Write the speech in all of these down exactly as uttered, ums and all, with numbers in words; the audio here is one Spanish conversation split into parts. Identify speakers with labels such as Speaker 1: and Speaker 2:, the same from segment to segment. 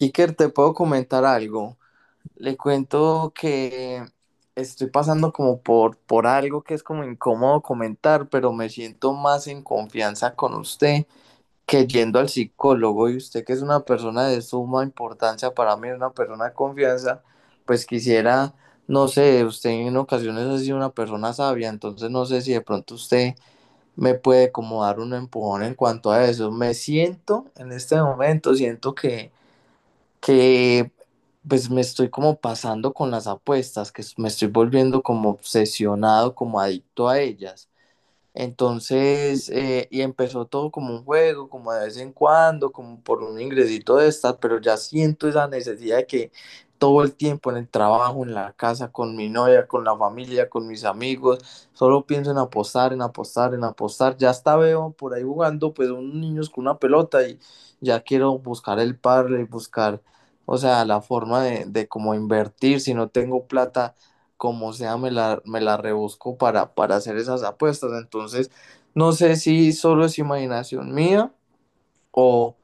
Speaker 1: Iker, te puedo comentar algo. Le cuento que estoy pasando como por, por algo que es como incómodo comentar, pero me siento más en confianza con usted que yendo al psicólogo, y usted que es una persona de suma importancia para mí, una persona de confianza. Pues quisiera, no sé, usted en ocasiones ha sido una persona sabia, entonces no sé si de pronto usted me puede como dar un empujón en cuanto a eso. Me siento en este momento, siento que que pues me estoy como pasando con las apuestas, que me estoy volviendo como obsesionado, como adicto a ellas. Entonces, eh, y empezó todo como un juego, como de vez en cuando, como por un ingresito de estas, pero ya siento esa necesidad de que todo el tiempo en el trabajo, en la casa, con mi novia, con la familia, con mis amigos, solo pienso en apostar, en apostar, en apostar. Ya hasta veo por ahí jugando, pues, unos niños con una pelota y ya quiero buscar el y buscar, o sea, la forma de, de como invertir. Si no tengo plata, como sea, me la, me la rebusco para, para hacer esas apuestas. Entonces, no sé si solo es imaginación mía o,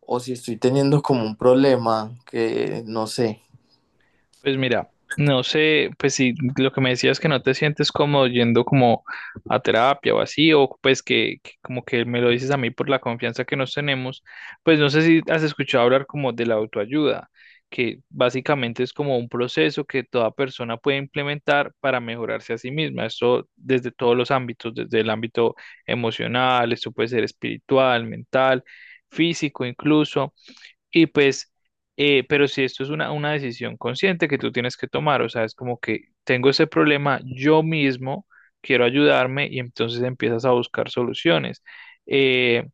Speaker 1: o si estoy teniendo como un problema que no sé.
Speaker 2: Pues mira, no sé, pues si lo que me decías que no te sientes cómodo yendo como a terapia o así, o pues que, que como que me lo dices a mí por la confianza que nos tenemos, pues no sé si has escuchado hablar como de la autoayuda, que básicamente es como un proceso que toda persona puede implementar para mejorarse a sí misma, esto desde todos los ámbitos, desde el ámbito emocional, esto puede ser espiritual, mental, físico incluso. Y pues, eh, pero si esto es una, una decisión consciente que tú tienes que tomar, o sea, es como que tengo ese problema yo mismo, quiero ayudarme y entonces empiezas a buscar soluciones. Eh,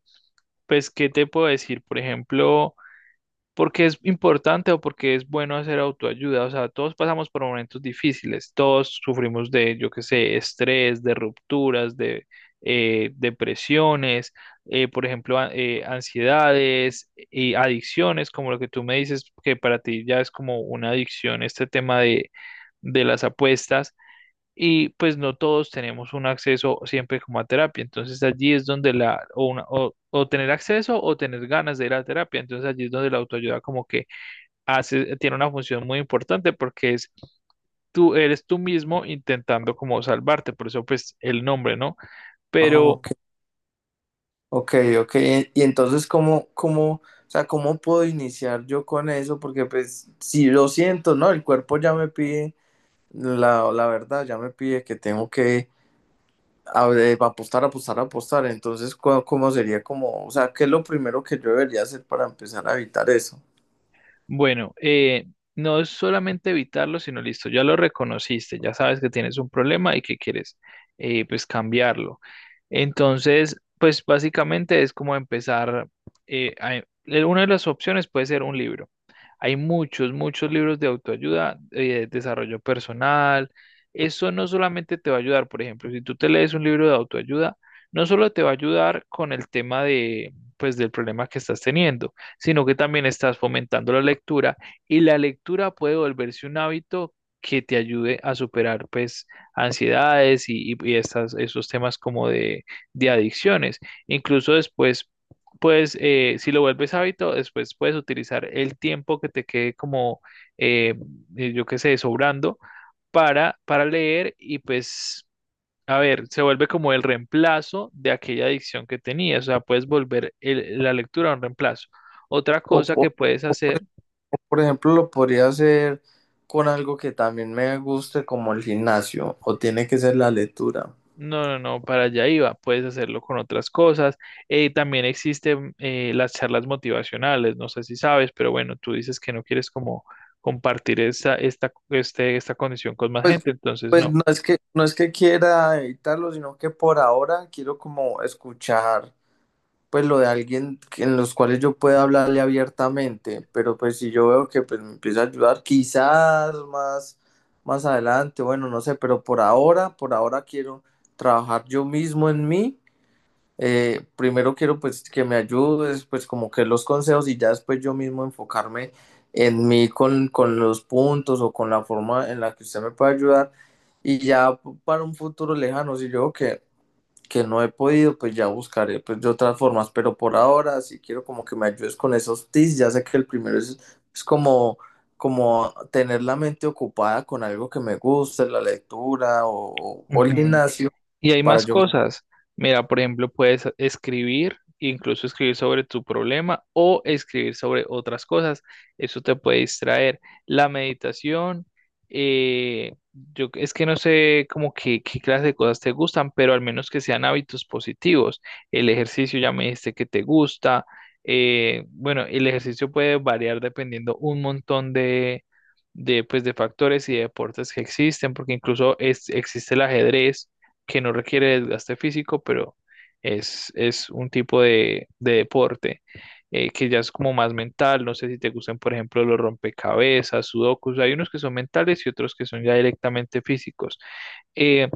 Speaker 2: pues, ¿qué te puedo decir? Por ejemplo, porque es importante o porque es bueno hacer autoayuda. O sea, todos pasamos por momentos difíciles, todos sufrimos de, yo qué sé, estrés, de rupturas, de eh, depresiones, eh, por ejemplo, a- eh, ansiedades y adicciones, como lo que tú me dices, que para ti ya es como una adicción este tema de, de las apuestas y pues no todos tenemos un acceso siempre como a terapia. Entonces allí es donde la, o, una- o, o tener acceso o tener ganas de ir a terapia. Entonces allí es donde la autoayuda como que hace, tiene una función muy importante porque es tú, eres tú mismo intentando como salvarte, por eso pues el nombre, ¿no?
Speaker 1: Ah,
Speaker 2: Pero
Speaker 1: ok, ok, ok. Y, y entonces, ¿cómo, cómo, o sea, cómo puedo iniciar yo con eso? Porque pues, si lo siento, ¿no? El cuerpo ya me pide, la, la verdad, ya me pide que tengo que. A ver, apostar, apostar, apostar. Entonces, ¿cómo, cómo sería como, o sea, qué es lo primero que yo debería hacer para empezar a evitar eso?
Speaker 2: bueno, eh, no es solamente evitarlo, sino listo, ya lo reconociste, ya sabes que tienes un problema y que quieres eh, pues cambiarlo. Entonces, pues básicamente es como empezar, eh, a- eh, una de las opciones puede ser un libro. Hay muchos, muchos libros de autoayuda, eh, desarrollo personal. Eso no solamente te va a ayudar, por ejemplo, si tú te lees un libro de autoayuda, no solo te va a ayudar con el tema de, pues, del problema que estás teniendo sino que también estás fomentando la lectura y la lectura puede volverse un hábito que te ayude a superar pues ansiedades y, y- y estas, esos temas como de, de adicciones. Incluso después, pues eh, si lo vuelves hábito, después puedes utilizar el tiempo que te quede como, eh, eh, yo qué sé, sobrando para, para leer y pues... A ver, se vuelve como el reemplazo de aquella adicción que tenías, o sea, puedes volver el- la lectura a un reemplazo. Otra
Speaker 1: O,
Speaker 2: cosa
Speaker 1: po-
Speaker 2: que puedes hacer,
Speaker 1: por ejemplo, ¿lo podría hacer con algo que también me guste, como el gimnasio, o tiene que ser la lectura?
Speaker 2: no, no, no, para allá iba, puedes hacerlo con otras cosas. Eh, también existen eh, las charlas motivacionales, no sé si sabes, pero bueno, tú dices que no quieres como compartir esta, esta, este, esta condición con más
Speaker 1: Pues,
Speaker 2: gente, entonces
Speaker 1: pues
Speaker 2: no.
Speaker 1: no es que, no es que quiera evitarlo, sino que por ahora quiero como escuchar pues lo de alguien que- en los cuales yo pueda hablarle abiertamente, pero pues si yo veo que pues me empieza a ayudar, quizás más, más adelante, bueno, no sé. Pero por ahora, por ahora quiero trabajar yo mismo en mí. Eh, primero quiero pues que me ayudes, pues como que los consejos, y ya después yo mismo enfocarme en mí con, con los puntos o con la forma en la que usted me puede ayudar, y ya para un futuro lejano, si yo veo que que no he podido, pues ya buscaré pues de otras formas. Pero por ahora sí quiero como que me ayudes con esos tips. Ya sé que el primero es, es como, como tener la mente ocupada con algo que me guste, la lectura o, o el
Speaker 2: Ujú.
Speaker 1: gimnasio,
Speaker 2: Y hay
Speaker 1: para
Speaker 2: más
Speaker 1: yo.
Speaker 2: cosas. Mira, por ejemplo, puedes escribir, incluso escribir sobre tu problema o escribir sobre otras cosas. Eso te puede distraer. La meditación, eh, yo es que no sé como que, qué clase de cosas te gustan, pero al menos que sean hábitos positivos. El ejercicio ya me dijiste que te gusta. Eh, bueno, el ejercicio puede variar dependiendo un montón de, de, pues, de factores y de deportes que existen, porque incluso es, existe el ajedrez que no requiere desgaste físico, pero es, es un tipo de, de deporte eh, que ya es como más mental. No sé si te gustan, por ejemplo, los rompecabezas, sudokus. Hay unos que son mentales y otros que son ya directamente físicos. Eh,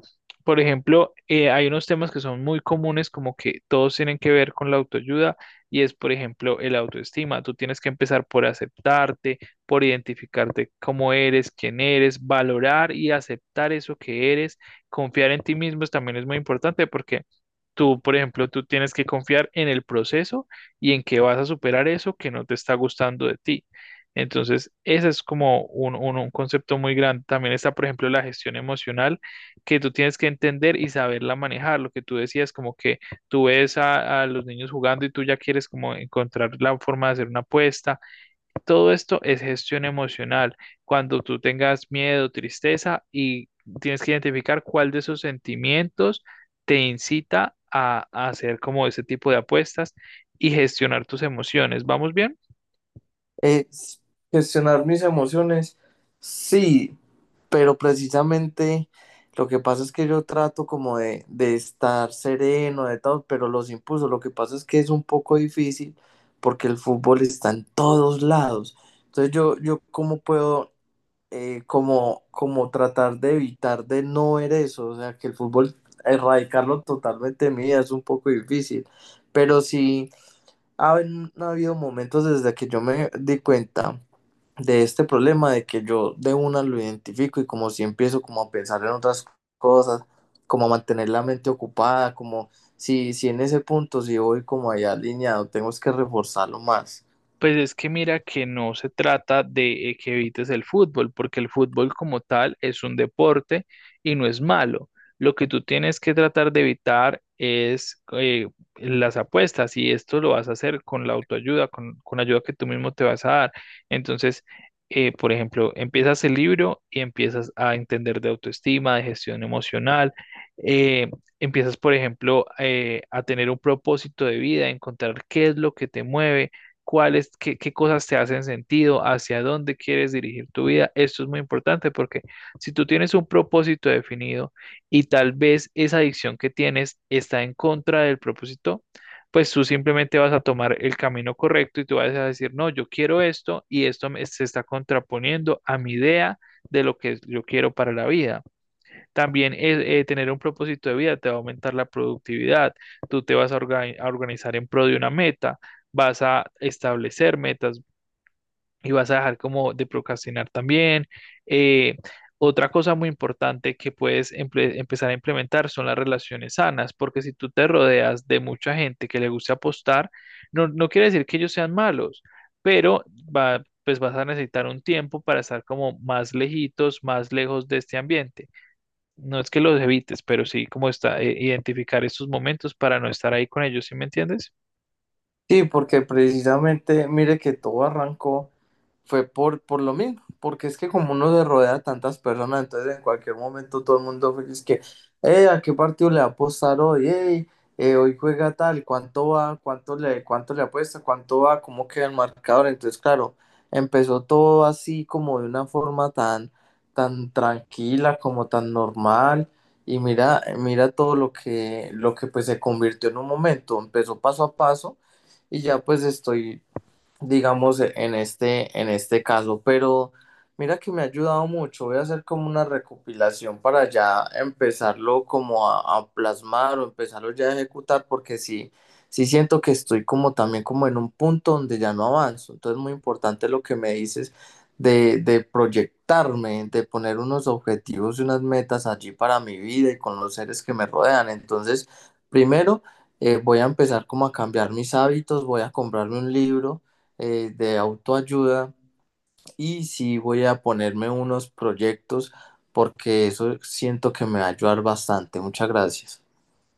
Speaker 2: por ejemplo, eh, hay unos temas que son muy comunes, como que todos tienen que ver con la autoayuda, y es, por ejemplo, el autoestima. Tú tienes que empezar por aceptarte, por identificarte cómo eres, quién eres, valorar y aceptar eso que eres. Confiar en ti mismo también es muy importante porque tú, por ejemplo, tú tienes que confiar en el proceso y en que vas a superar eso que no te está gustando de ti. Entonces, ese es como un, un- un concepto muy grande. También está, por ejemplo, la gestión emocional que tú tienes que entender y saberla manejar. Lo que tú decías, como que tú ves a, a los niños jugando y tú ya quieres como encontrar la forma de hacer una apuesta. Todo esto es gestión emocional. Cuando tú tengas miedo, tristeza y tienes que identificar cuál de esos sentimientos te incita a, a hacer como ese tipo de apuestas y gestionar tus emociones. ¿Vamos bien?
Speaker 1: Eh, gestionar mis emociones, sí, pero precisamente lo que pasa es que yo trato como de, de estar sereno, de todo, pero los impulsos, lo que pasa es que es un poco difícil porque el fútbol está en todos lados. Entonces yo, yo cómo puedo eh, como, como tratar de evitar de no ver eso, o sea, que el fútbol, erradicarlo totalmente de mi vida es un poco difícil, pero sí ha, ha habido momentos desde que yo me di cuenta de este problema de que yo de una lo identifico, y como si empiezo como a pensar en otras cosas, como a mantener la mente ocupada, como si, si en ese punto si voy como allá alineado, tengo que reforzarlo más.
Speaker 2: Pues es que mira que no se trata de eh, que evites el fútbol, porque el fútbol como tal es un deporte y no es malo. Lo que tú tienes que tratar de evitar es eh, las apuestas y esto lo vas a hacer con la autoayuda, con, con la ayuda que tú mismo te vas a dar. Entonces, eh, por ejemplo, empiezas el libro y empiezas a entender de autoestima, de gestión emocional. eh, Empiezas, por ejemplo, eh, a tener un propósito de vida, a encontrar qué es lo que te mueve cuáles, qué, qué cosas te hacen sentido, hacia dónde quieres dirigir tu vida. Esto es muy importante porque si tú tienes un propósito definido y tal vez esa adicción que tienes está en contra del propósito, pues tú simplemente vas a tomar el camino correcto y tú vas a decir, no, yo quiero esto y esto me- se está contraponiendo a mi idea de lo que yo quiero para la vida. También eh, eh, tener un propósito de vida te va a aumentar la productividad. Tú te vas a, orga- a organizar en pro de una meta, vas a establecer metas y vas a dejar como de procrastinar también. Eh, otra cosa muy importante que puedes emple- empezar a implementar son las relaciones sanas, porque si tú te rodeas de mucha gente que le gusta apostar, no, no quiere decir que ellos sean malos, pero va, pues vas a necesitar un tiempo para estar como más lejitos, más lejos de este ambiente. No es que los evites, pero sí como está, eh, identificar estos momentos para no estar ahí con ellos, ¿sí me entiendes?
Speaker 1: Sí, porque precisamente, mire que todo arrancó, fue por, por lo mismo, porque es que como uno se rodea de tantas personas, entonces en cualquier momento todo el mundo fue- es que, eh, ¿a qué partido le va a apostar hoy? Ey, eh, hoy juega tal, ¿cuánto va? ¿Cuánto le, cuánto le apuesta? ¿Cuánto va? ¿Cómo queda el marcador? Entonces, claro, empezó todo así como de una forma tan, tan tranquila, como tan normal. Y mira, mira todo lo que, lo que pues se convirtió en un momento, empezó paso a paso y ya pues estoy, digamos, en este, en este caso, pero mira que me ha ayudado mucho. Voy a hacer como una recopilación para ya empezarlo como a, a plasmar o empezarlo ya a ejecutar, porque sí, sí siento que estoy como también como en un punto donde ya no avanzo. Entonces es muy importante lo que me dices de, de proyectarme, de poner unos objetivos y unas metas allí para mi vida y con los seres que me rodean. Entonces, primero, eh, voy a empezar como a cambiar mis hábitos, voy a comprarme un libro eh, de autoayuda y sí voy a ponerme unos proyectos porque eso siento que me va a ayudar bastante. Muchas gracias.